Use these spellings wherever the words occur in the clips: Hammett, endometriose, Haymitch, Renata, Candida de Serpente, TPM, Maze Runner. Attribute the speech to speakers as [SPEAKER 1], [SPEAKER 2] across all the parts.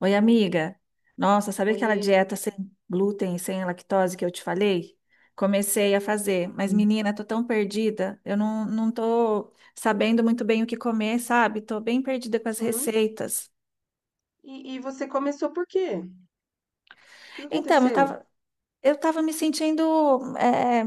[SPEAKER 1] Oi, amiga. Nossa, sabe aquela
[SPEAKER 2] Foi.
[SPEAKER 1] dieta sem glúten e sem lactose que eu te falei? Comecei a fazer, mas menina, tô tão perdida. Eu não tô sabendo muito bem o que comer, sabe? Tô bem perdida com as
[SPEAKER 2] Uhum.
[SPEAKER 1] receitas.
[SPEAKER 2] E você começou por quê? O que
[SPEAKER 1] Então, eu
[SPEAKER 2] aconteceu?
[SPEAKER 1] tava, Eu estava me sentindo, eh,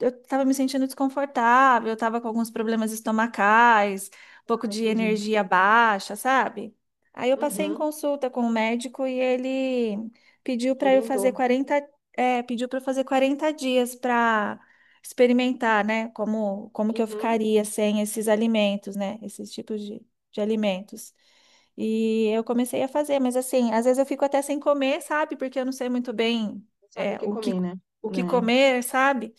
[SPEAKER 1] eu estava me sentindo desconfortável, eu estava com alguns problemas estomacais, um pouco
[SPEAKER 2] Ah,
[SPEAKER 1] de
[SPEAKER 2] entendi.
[SPEAKER 1] energia baixa, sabe? Aí eu passei em
[SPEAKER 2] Uhum.
[SPEAKER 1] consulta com o médico e ele pediu para eu fazer
[SPEAKER 2] Orientou.
[SPEAKER 1] 40, pediu para eu fazer 40 dias para experimentar, né? Como que eu
[SPEAKER 2] Uhum.
[SPEAKER 1] ficaria sem esses alimentos, né? Esses tipos de alimentos. E eu comecei a fazer, mas assim, às vezes eu fico até sem comer, sabe? Porque eu não sei muito bem
[SPEAKER 2] Não sabe o
[SPEAKER 1] é,
[SPEAKER 2] que
[SPEAKER 1] o que,
[SPEAKER 2] comer, né?
[SPEAKER 1] o que
[SPEAKER 2] Né?
[SPEAKER 1] comer, sabe?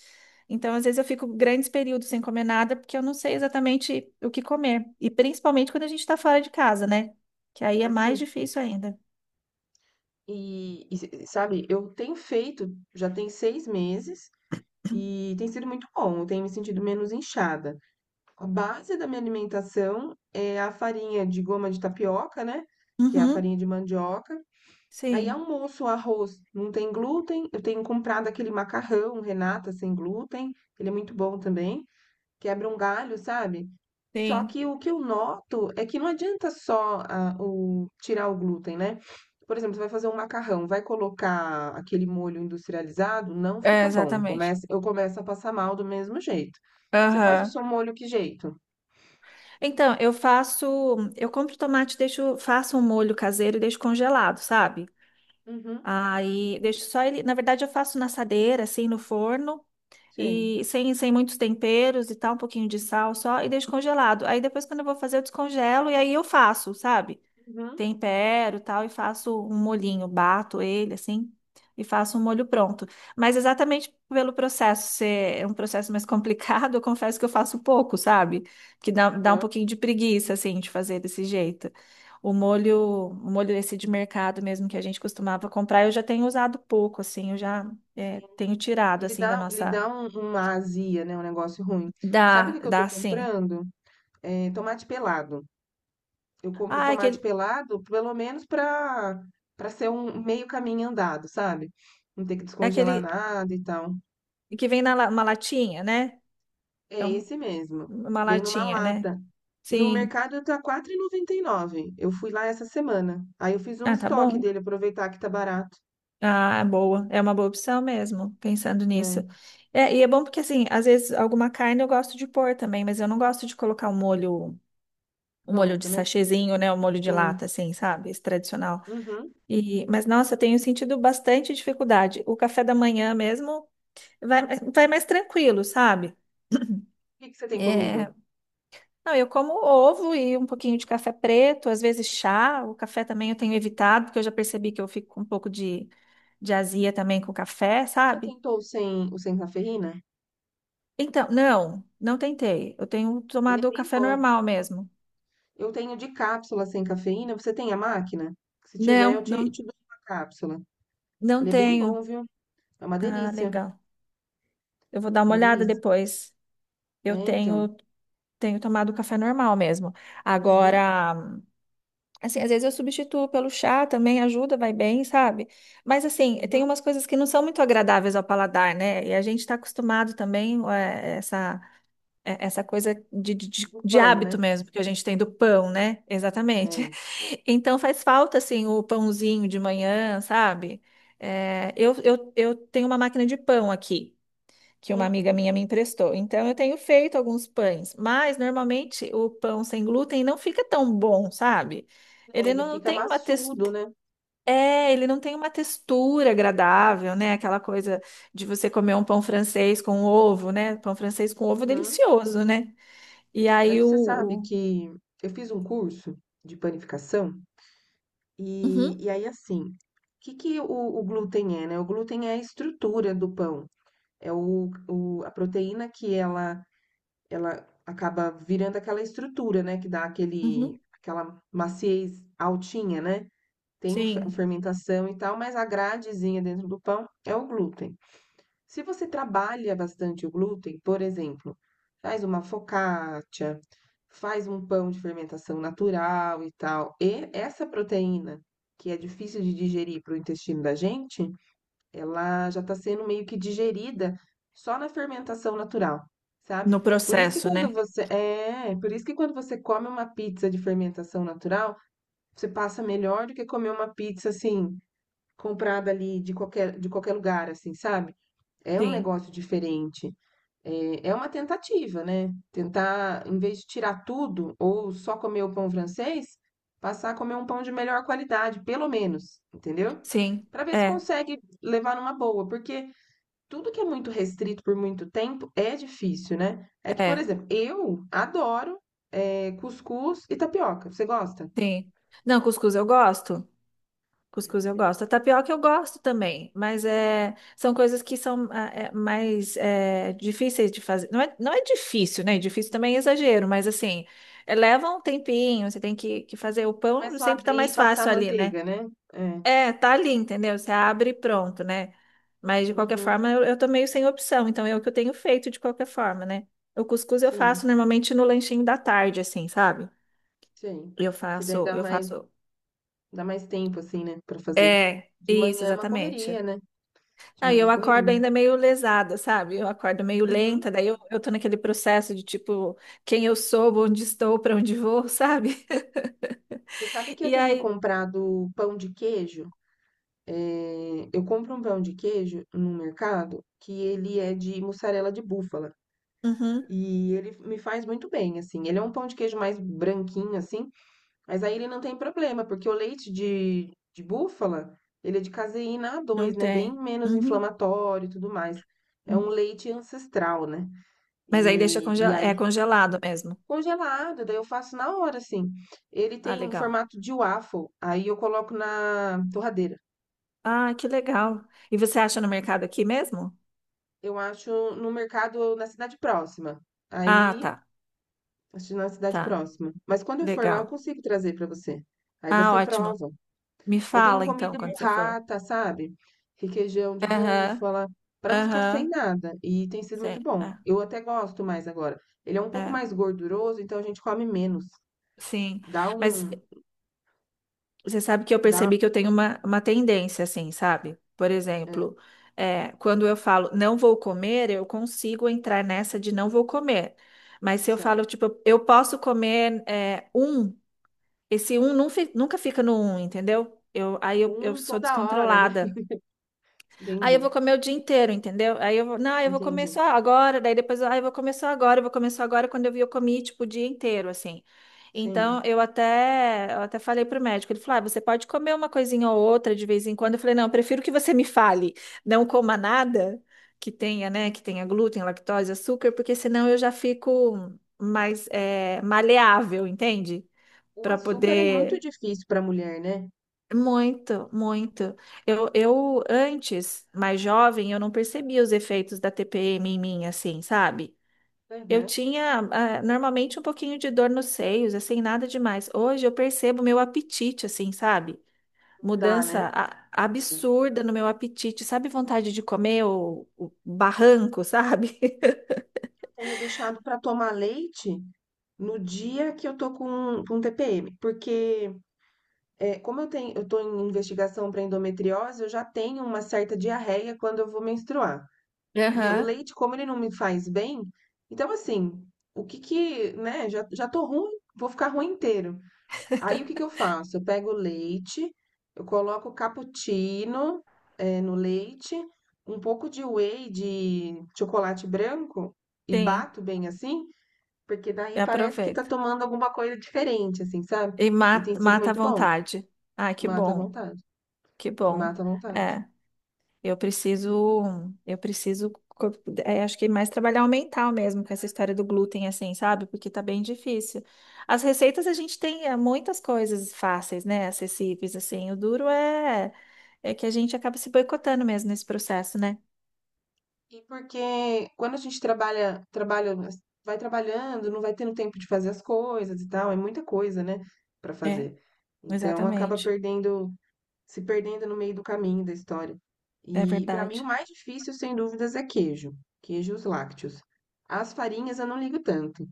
[SPEAKER 1] Então, às vezes, eu fico grandes períodos sem comer nada porque eu não sei exatamente o que comer. E principalmente quando a gente está fora de casa, né? Que aí é mais
[SPEAKER 2] Assim.
[SPEAKER 1] difícil ainda.
[SPEAKER 2] E, sabe, eu tenho feito, já tem 6 meses, e tem sido muito bom. Eu tenho me sentido menos inchada. A base da minha alimentação é a farinha de goma de tapioca, né? Que é a
[SPEAKER 1] Uhum,
[SPEAKER 2] farinha de mandioca. Aí
[SPEAKER 1] sim,
[SPEAKER 2] almoço, arroz não tem glúten. Eu tenho comprado aquele macarrão Renata sem glúten, ele é muito bom também. Quebra um galho, sabe? Só
[SPEAKER 1] sim.
[SPEAKER 2] que o que eu noto é que não adianta só tirar o glúten, né? Por exemplo, você vai fazer um macarrão, vai colocar aquele molho industrializado, não
[SPEAKER 1] É,
[SPEAKER 2] fica bom.
[SPEAKER 1] exatamente.
[SPEAKER 2] Eu começo a passar mal do mesmo jeito. Você faz o
[SPEAKER 1] Aham.
[SPEAKER 2] seu molho que jeito?
[SPEAKER 1] Então, eu faço. Eu compro tomate, deixo, faço um molho caseiro e deixo congelado, sabe?
[SPEAKER 2] Uhum,
[SPEAKER 1] Aí deixo só ele. Na verdade, eu faço na assadeira, assim, no forno.
[SPEAKER 2] sei.
[SPEAKER 1] E sem muitos temperos e tal, um pouquinho de sal só, e deixo congelado. Aí depois, quando eu vou fazer, eu descongelo e aí eu faço, sabe?
[SPEAKER 2] Uhum,
[SPEAKER 1] Tempero e tal, e faço um molhinho, bato ele assim, e faço um molho pronto. Mas exatamente pelo processo ser é um processo mais complicado, eu confesso que eu faço pouco, sabe? Que dá um
[SPEAKER 2] aham,
[SPEAKER 1] pouquinho de preguiça, assim, de fazer desse jeito. O molho, o molho esse de mercado mesmo que a gente costumava comprar, eu já tenho usado pouco, assim, eu já
[SPEAKER 2] sim.
[SPEAKER 1] tenho tirado
[SPEAKER 2] Ele
[SPEAKER 1] assim da
[SPEAKER 2] dá, ele
[SPEAKER 1] nossa.
[SPEAKER 2] dá uma azia, né? Um negócio ruim. Sabe o
[SPEAKER 1] Dá,
[SPEAKER 2] que que eu tô
[SPEAKER 1] dá sim.
[SPEAKER 2] comprando? É, tomate pelado. Eu compro
[SPEAKER 1] Ah, é
[SPEAKER 2] tomate
[SPEAKER 1] aquele,
[SPEAKER 2] pelado, pelo menos pra ser um meio caminho andado, sabe? Não ter que
[SPEAKER 1] é
[SPEAKER 2] descongelar
[SPEAKER 1] aquele
[SPEAKER 2] nada e tal.
[SPEAKER 1] que vem na uma latinha, né? É
[SPEAKER 2] É
[SPEAKER 1] um-
[SPEAKER 2] esse mesmo.
[SPEAKER 1] uma
[SPEAKER 2] Vem numa
[SPEAKER 1] latinha, né?
[SPEAKER 2] lata. No
[SPEAKER 1] Sim.
[SPEAKER 2] mercado tá 4,99. Eu fui lá essa semana. Aí eu fiz um
[SPEAKER 1] Ah, tá
[SPEAKER 2] estoque
[SPEAKER 1] bom.
[SPEAKER 2] dele, aproveitar que tá barato,
[SPEAKER 1] Ah, é boa. É uma boa opção mesmo, pensando
[SPEAKER 2] né?
[SPEAKER 1] nisso. É, e é bom porque, assim, às vezes alguma carne eu gosto de pôr também, mas eu não gosto de colocar o molho de
[SPEAKER 2] Pronto, né?
[SPEAKER 1] sachêzinho, né? O molho de
[SPEAKER 2] Sim.
[SPEAKER 1] lata, assim, sabe? Esse tradicional.
[SPEAKER 2] Uhum. O
[SPEAKER 1] E, mas, nossa, eu tenho sentido bastante dificuldade. O café da manhã mesmo vai, vai mais tranquilo, sabe?
[SPEAKER 2] que que você tem
[SPEAKER 1] É,
[SPEAKER 2] comido?
[SPEAKER 1] não, eu como ovo e um pouquinho de café preto, às vezes chá. O café também eu tenho evitado, porque eu já percebi que eu fico com um pouco de azia também com o café,
[SPEAKER 2] Você já
[SPEAKER 1] sabe?
[SPEAKER 2] tentou o sem cafeína?
[SPEAKER 1] Então, não, não tentei. Eu tenho
[SPEAKER 2] Ele é
[SPEAKER 1] tomado o
[SPEAKER 2] bem
[SPEAKER 1] café
[SPEAKER 2] bom.
[SPEAKER 1] normal mesmo.
[SPEAKER 2] Eu tenho de cápsula sem cafeína. Você tem a máquina? Se tiver, eu
[SPEAKER 1] Não,
[SPEAKER 2] te,
[SPEAKER 1] não,
[SPEAKER 2] te dou uma cápsula.
[SPEAKER 1] não
[SPEAKER 2] Ele é bem
[SPEAKER 1] tenho.
[SPEAKER 2] bom, viu? É uma
[SPEAKER 1] Ah,
[SPEAKER 2] delícia.
[SPEAKER 1] legal. Eu vou dar
[SPEAKER 2] É
[SPEAKER 1] uma
[SPEAKER 2] uma
[SPEAKER 1] olhada
[SPEAKER 2] delícia.
[SPEAKER 1] depois.
[SPEAKER 2] É,
[SPEAKER 1] Eu
[SPEAKER 2] então.
[SPEAKER 1] tenho tomado o café normal mesmo.
[SPEAKER 2] Uhum,
[SPEAKER 1] Agora. Assim, às vezes eu substituo pelo chá também, ajuda, vai bem, sabe? Mas assim, tem
[SPEAKER 2] uhum.
[SPEAKER 1] umas coisas que não são muito agradáveis ao paladar, né? E a gente está acostumado também é, essa coisa de, de, de-
[SPEAKER 2] Do
[SPEAKER 1] de
[SPEAKER 2] pão,
[SPEAKER 1] hábito
[SPEAKER 2] né?
[SPEAKER 1] mesmo que a gente tem do pão, né?
[SPEAKER 2] É.
[SPEAKER 1] Exatamente.
[SPEAKER 2] Uhum.
[SPEAKER 1] Então faz falta assim o pãozinho de manhã, sabe? É, eu tenho uma máquina de pão aqui que uma amiga minha me emprestou. Então eu tenho feito alguns pães, mas normalmente o pão sem glúten não fica tão bom, sabe?
[SPEAKER 2] Não,
[SPEAKER 1] Ele
[SPEAKER 2] ele
[SPEAKER 1] não
[SPEAKER 2] fica
[SPEAKER 1] tem uma
[SPEAKER 2] maçudo,
[SPEAKER 1] textura,
[SPEAKER 2] né?
[SPEAKER 1] ele não tem uma textura agradável, né? Aquela coisa de você comer um pão francês com ovo, né? Pão francês com ovo é
[SPEAKER 2] Uhum.
[SPEAKER 1] delicioso, né? E aí
[SPEAKER 2] Mas você sabe que eu fiz um curso de panificação
[SPEAKER 1] uhum,
[SPEAKER 2] e aí, assim, o que que o glúten é, né? O glúten é a estrutura do pão. É o, a proteína que ela acaba virando aquela estrutura, né, que dá aquele,
[SPEAKER 1] uhum,
[SPEAKER 2] aquela maciez altinha, né? Tem a
[SPEAKER 1] sim,
[SPEAKER 2] fermentação e tal, mas a gradezinha dentro do pão é o glúten. Se você trabalha bastante o glúten, por exemplo, faz uma focaccia, faz um pão de fermentação natural e tal, e essa proteína que é difícil de digerir para o intestino da gente, ela já está sendo meio que digerida só na fermentação natural, sabe?
[SPEAKER 1] no processo, né?
[SPEAKER 2] Por isso que quando você come uma pizza de fermentação natural, você passa melhor do que comer uma pizza assim comprada ali de qualquer lugar, assim, sabe? É um
[SPEAKER 1] Sim,
[SPEAKER 2] negócio diferente. É, é uma tentativa, né? Tentar, em vez de tirar tudo ou só comer o pão francês, passar a comer um pão de melhor qualidade, pelo menos, entendeu?
[SPEAKER 1] sim,
[SPEAKER 2] Para ver se
[SPEAKER 1] é,
[SPEAKER 2] consegue levar numa boa, porque tudo que é muito restrito por muito tempo é difícil, né? É que, por
[SPEAKER 1] é,
[SPEAKER 2] exemplo, eu adoro é, cuscuz e tapioca. Você gosta?
[SPEAKER 1] sim. Não, cuscuz eu gosto. Cuscuz eu gosto. A tapioca eu gosto também, mas é, são coisas que são ah, é, mais é, difíceis de fazer. Não é, não é difícil, né? Difícil também é exagero, mas assim, é, leva um tempinho, você tem que fazer. O
[SPEAKER 2] Não é
[SPEAKER 1] pão
[SPEAKER 2] só
[SPEAKER 1] sempre tá
[SPEAKER 2] abrir e
[SPEAKER 1] mais
[SPEAKER 2] passar
[SPEAKER 1] fácil ali, né?
[SPEAKER 2] manteiga, né? É.
[SPEAKER 1] É, tá ali, entendeu? Você abre e pronto, né? Mas de qualquer
[SPEAKER 2] Uhum.
[SPEAKER 1] forma, eu tô meio sem opção, então é o que eu tenho feito de qualquer forma, né? O cuscuz eu
[SPEAKER 2] Sim,
[SPEAKER 1] faço normalmente no lanchinho da tarde, assim, sabe?
[SPEAKER 2] sim.
[SPEAKER 1] Eu
[SPEAKER 2] Que daí
[SPEAKER 1] faço, eu faço.
[SPEAKER 2] dá mais tempo, assim, né? Pra fazer.
[SPEAKER 1] É,
[SPEAKER 2] De
[SPEAKER 1] isso,
[SPEAKER 2] manhã é uma
[SPEAKER 1] exatamente.
[SPEAKER 2] correria, né? De
[SPEAKER 1] Não, e
[SPEAKER 2] manhã é
[SPEAKER 1] eu acordo
[SPEAKER 2] correria.
[SPEAKER 1] ainda meio lesada, sabe? Eu acordo meio
[SPEAKER 2] Uhum.
[SPEAKER 1] lenta, daí eu tô naquele processo de tipo, quem eu sou, onde estou, para onde vou, sabe?
[SPEAKER 2] Você sabe que eu
[SPEAKER 1] E
[SPEAKER 2] tenho
[SPEAKER 1] aí,
[SPEAKER 2] comprado pão de queijo? É, eu compro um pão de queijo no mercado que ele é de mussarela de búfala.
[SPEAKER 1] uhum,
[SPEAKER 2] E ele me faz muito bem, assim. Ele é um pão de queijo mais branquinho, assim, mas aí ele não tem problema, porque o leite de búfala, ele é de caseína
[SPEAKER 1] não
[SPEAKER 2] A2, né? Bem
[SPEAKER 1] tem.
[SPEAKER 2] menos
[SPEAKER 1] Uhum.
[SPEAKER 2] inflamatório e tudo mais. É um
[SPEAKER 1] Uhum.
[SPEAKER 2] leite ancestral, né?
[SPEAKER 1] Mas aí deixa
[SPEAKER 2] E, e
[SPEAKER 1] é
[SPEAKER 2] aí,
[SPEAKER 1] congelado mesmo.
[SPEAKER 2] congelado, daí eu faço na hora, assim. Ele
[SPEAKER 1] Ah,
[SPEAKER 2] tem um
[SPEAKER 1] legal.
[SPEAKER 2] formato de waffle, aí eu coloco na torradeira.
[SPEAKER 1] Ah, que legal. E você acha no mercado aqui mesmo?
[SPEAKER 2] Eu acho no mercado, na cidade próxima.
[SPEAKER 1] Ah,
[SPEAKER 2] Aí
[SPEAKER 1] tá,
[SPEAKER 2] Assisti na cidade
[SPEAKER 1] tá.
[SPEAKER 2] próxima. Mas quando eu for lá, eu
[SPEAKER 1] Legal.
[SPEAKER 2] consigo trazer pra você. Aí
[SPEAKER 1] Ah,
[SPEAKER 2] você
[SPEAKER 1] ótimo.
[SPEAKER 2] prova.
[SPEAKER 1] Me
[SPEAKER 2] Eu tenho
[SPEAKER 1] fala então
[SPEAKER 2] comida
[SPEAKER 1] quando você for.
[SPEAKER 2] burrata, sabe? Requeijão de
[SPEAKER 1] Aham,
[SPEAKER 2] búfala, pra não ficar sem
[SPEAKER 1] aham.
[SPEAKER 2] nada. E tem sido
[SPEAKER 1] Sim,
[SPEAKER 2] muito bom.
[SPEAKER 1] é,
[SPEAKER 2] Eu até gosto mais agora. Ele é um pouco
[SPEAKER 1] é,
[SPEAKER 2] mais gorduroso, então a gente come menos.
[SPEAKER 1] sim.
[SPEAKER 2] Dá
[SPEAKER 1] Mas
[SPEAKER 2] um,
[SPEAKER 1] você sabe que eu
[SPEAKER 2] dá
[SPEAKER 1] percebi que eu tenho uma tendência, assim, sabe? Por
[SPEAKER 2] é,
[SPEAKER 1] exemplo, é, quando eu falo não vou comer, eu consigo entrar nessa de não vou comer. Mas se eu
[SPEAKER 2] sei lá,
[SPEAKER 1] falo, tipo, eu posso comer é, um, esse um nunca fica no um, entendeu? Eu, aí eu
[SPEAKER 2] um
[SPEAKER 1] sou
[SPEAKER 2] toda hora, né?
[SPEAKER 1] descontrolada. Aí
[SPEAKER 2] Entendi,
[SPEAKER 1] eu vou comer o dia inteiro, entendeu? Aí eu vou, não, eu vou comer
[SPEAKER 2] entendi.
[SPEAKER 1] só agora, daí depois, ah, eu vou comer só agora, eu vou comer só agora, quando eu vi, eu comi, tipo, o dia inteiro, assim. Então,
[SPEAKER 2] Sim.
[SPEAKER 1] eu até falei pro médico, ele falou, ah, você pode comer uma coisinha ou outra de vez em quando. Eu falei, não, eu prefiro que você me fale, não coma nada que tenha, né, que tenha glúten, lactose, açúcar, porque senão eu já fico mais, maleável, entende?
[SPEAKER 2] O
[SPEAKER 1] Para
[SPEAKER 2] açúcar é muito
[SPEAKER 1] poder
[SPEAKER 2] difícil pra mulher, né?
[SPEAKER 1] muito, muito. Eu antes, mais jovem, eu não percebia os efeitos da TPM em mim, assim, sabe? Eu
[SPEAKER 2] Uhum.
[SPEAKER 1] tinha, ah, normalmente um pouquinho de dor nos seios, assim, nada demais. Hoje eu percebo meu apetite, assim, sabe?
[SPEAKER 2] Não,
[SPEAKER 1] Mudança
[SPEAKER 2] né? É.
[SPEAKER 1] absurda no meu apetite, sabe? Vontade de comer o barranco, sabe?
[SPEAKER 2] Tenho deixado pra tomar leite no dia que eu tô com TPM, porque como eu tenho, eu tô em investigação para endometriose, eu já tenho uma certa diarreia quando eu vou menstruar. E o
[SPEAKER 1] Aham,
[SPEAKER 2] leite, como ele não me faz bem, então assim, o que que, né, já tô ruim, vou ficar ruim inteiro. Aí o que que eu faço? Eu pego o leite, eu coloco cappuccino, no leite, um pouco de whey de chocolate branco e
[SPEAKER 1] sim,
[SPEAKER 2] bato bem assim. Porque daí
[SPEAKER 1] eu
[SPEAKER 2] parece que tá tomando alguma coisa diferente, assim, sabe?
[SPEAKER 1] e
[SPEAKER 2] E tem
[SPEAKER 1] mata,
[SPEAKER 2] sido
[SPEAKER 1] mata à
[SPEAKER 2] muito bom.
[SPEAKER 1] vontade. Ah, que
[SPEAKER 2] Mata a
[SPEAKER 1] bom,
[SPEAKER 2] vontade.
[SPEAKER 1] que
[SPEAKER 2] Tem
[SPEAKER 1] bom.
[SPEAKER 2] mata a vontade.
[SPEAKER 1] É. Eu preciso, eu preciso, co- acho que mais trabalhar o mental mesmo com essa história do glúten, assim, sabe? Porque tá bem difícil. As receitas a gente tem muitas coisas fáceis, né? Acessíveis, assim. O duro é que a gente acaba se boicotando mesmo nesse processo, né?
[SPEAKER 2] E porque quando a gente trabalha, trabalha, vai trabalhando, não vai tendo tempo de fazer as coisas e tal, é muita coisa, né, pra
[SPEAKER 1] É,
[SPEAKER 2] fazer. Então acaba
[SPEAKER 1] exatamente.
[SPEAKER 2] perdendo, se perdendo no meio do caminho da história.
[SPEAKER 1] É
[SPEAKER 2] E pra mim o
[SPEAKER 1] verdade.
[SPEAKER 2] mais difícil, sem dúvidas, é queijo, queijos lácteos. As farinhas eu não ligo tanto.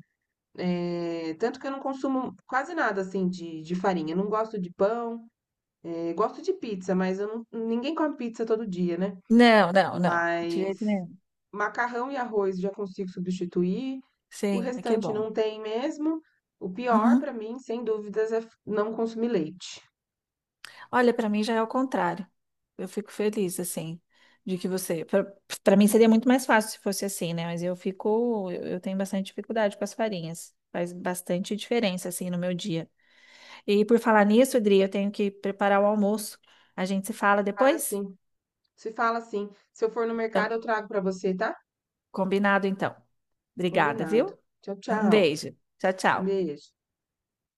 [SPEAKER 2] Tanto que eu não consumo quase nada, assim, de farinha. Eu não gosto de pão, gosto de pizza, mas eu não ninguém come pizza todo dia, né.
[SPEAKER 1] Não, não, não. De
[SPEAKER 2] Mas
[SPEAKER 1] jeito nenhum.
[SPEAKER 2] macarrão e arroz já consigo substituir, o
[SPEAKER 1] Sim, aqui é
[SPEAKER 2] restante
[SPEAKER 1] bom.
[SPEAKER 2] não tem mesmo. O pior pra
[SPEAKER 1] Uhum.
[SPEAKER 2] mim, sem dúvidas, é f não consumir leite.
[SPEAKER 1] Olha, para mim já é o contrário. Eu fico feliz, assim, de que você. Para mim seria muito mais fácil se fosse assim, né? Mas eu fico. Eu tenho bastante dificuldade com as farinhas. Faz bastante diferença, assim, no meu dia. E por falar nisso, Adri, eu tenho que preparar o almoço. A gente se fala
[SPEAKER 2] Cara,
[SPEAKER 1] depois?
[SPEAKER 2] sim. Se fala assim. Se eu for no mercado,
[SPEAKER 1] Então,
[SPEAKER 2] eu trago pra você, tá?
[SPEAKER 1] combinado, então. Obrigada,
[SPEAKER 2] Combinado.
[SPEAKER 1] viu?
[SPEAKER 2] Tchau,
[SPEAKER 1] Um
[SPEAKER 2] tchau.
[SPEAKER 1] beijo. Tchau,
[SPEAKER 2] Um
[SPEAKER 1] tchau.
[SPEAKER 2] beijo.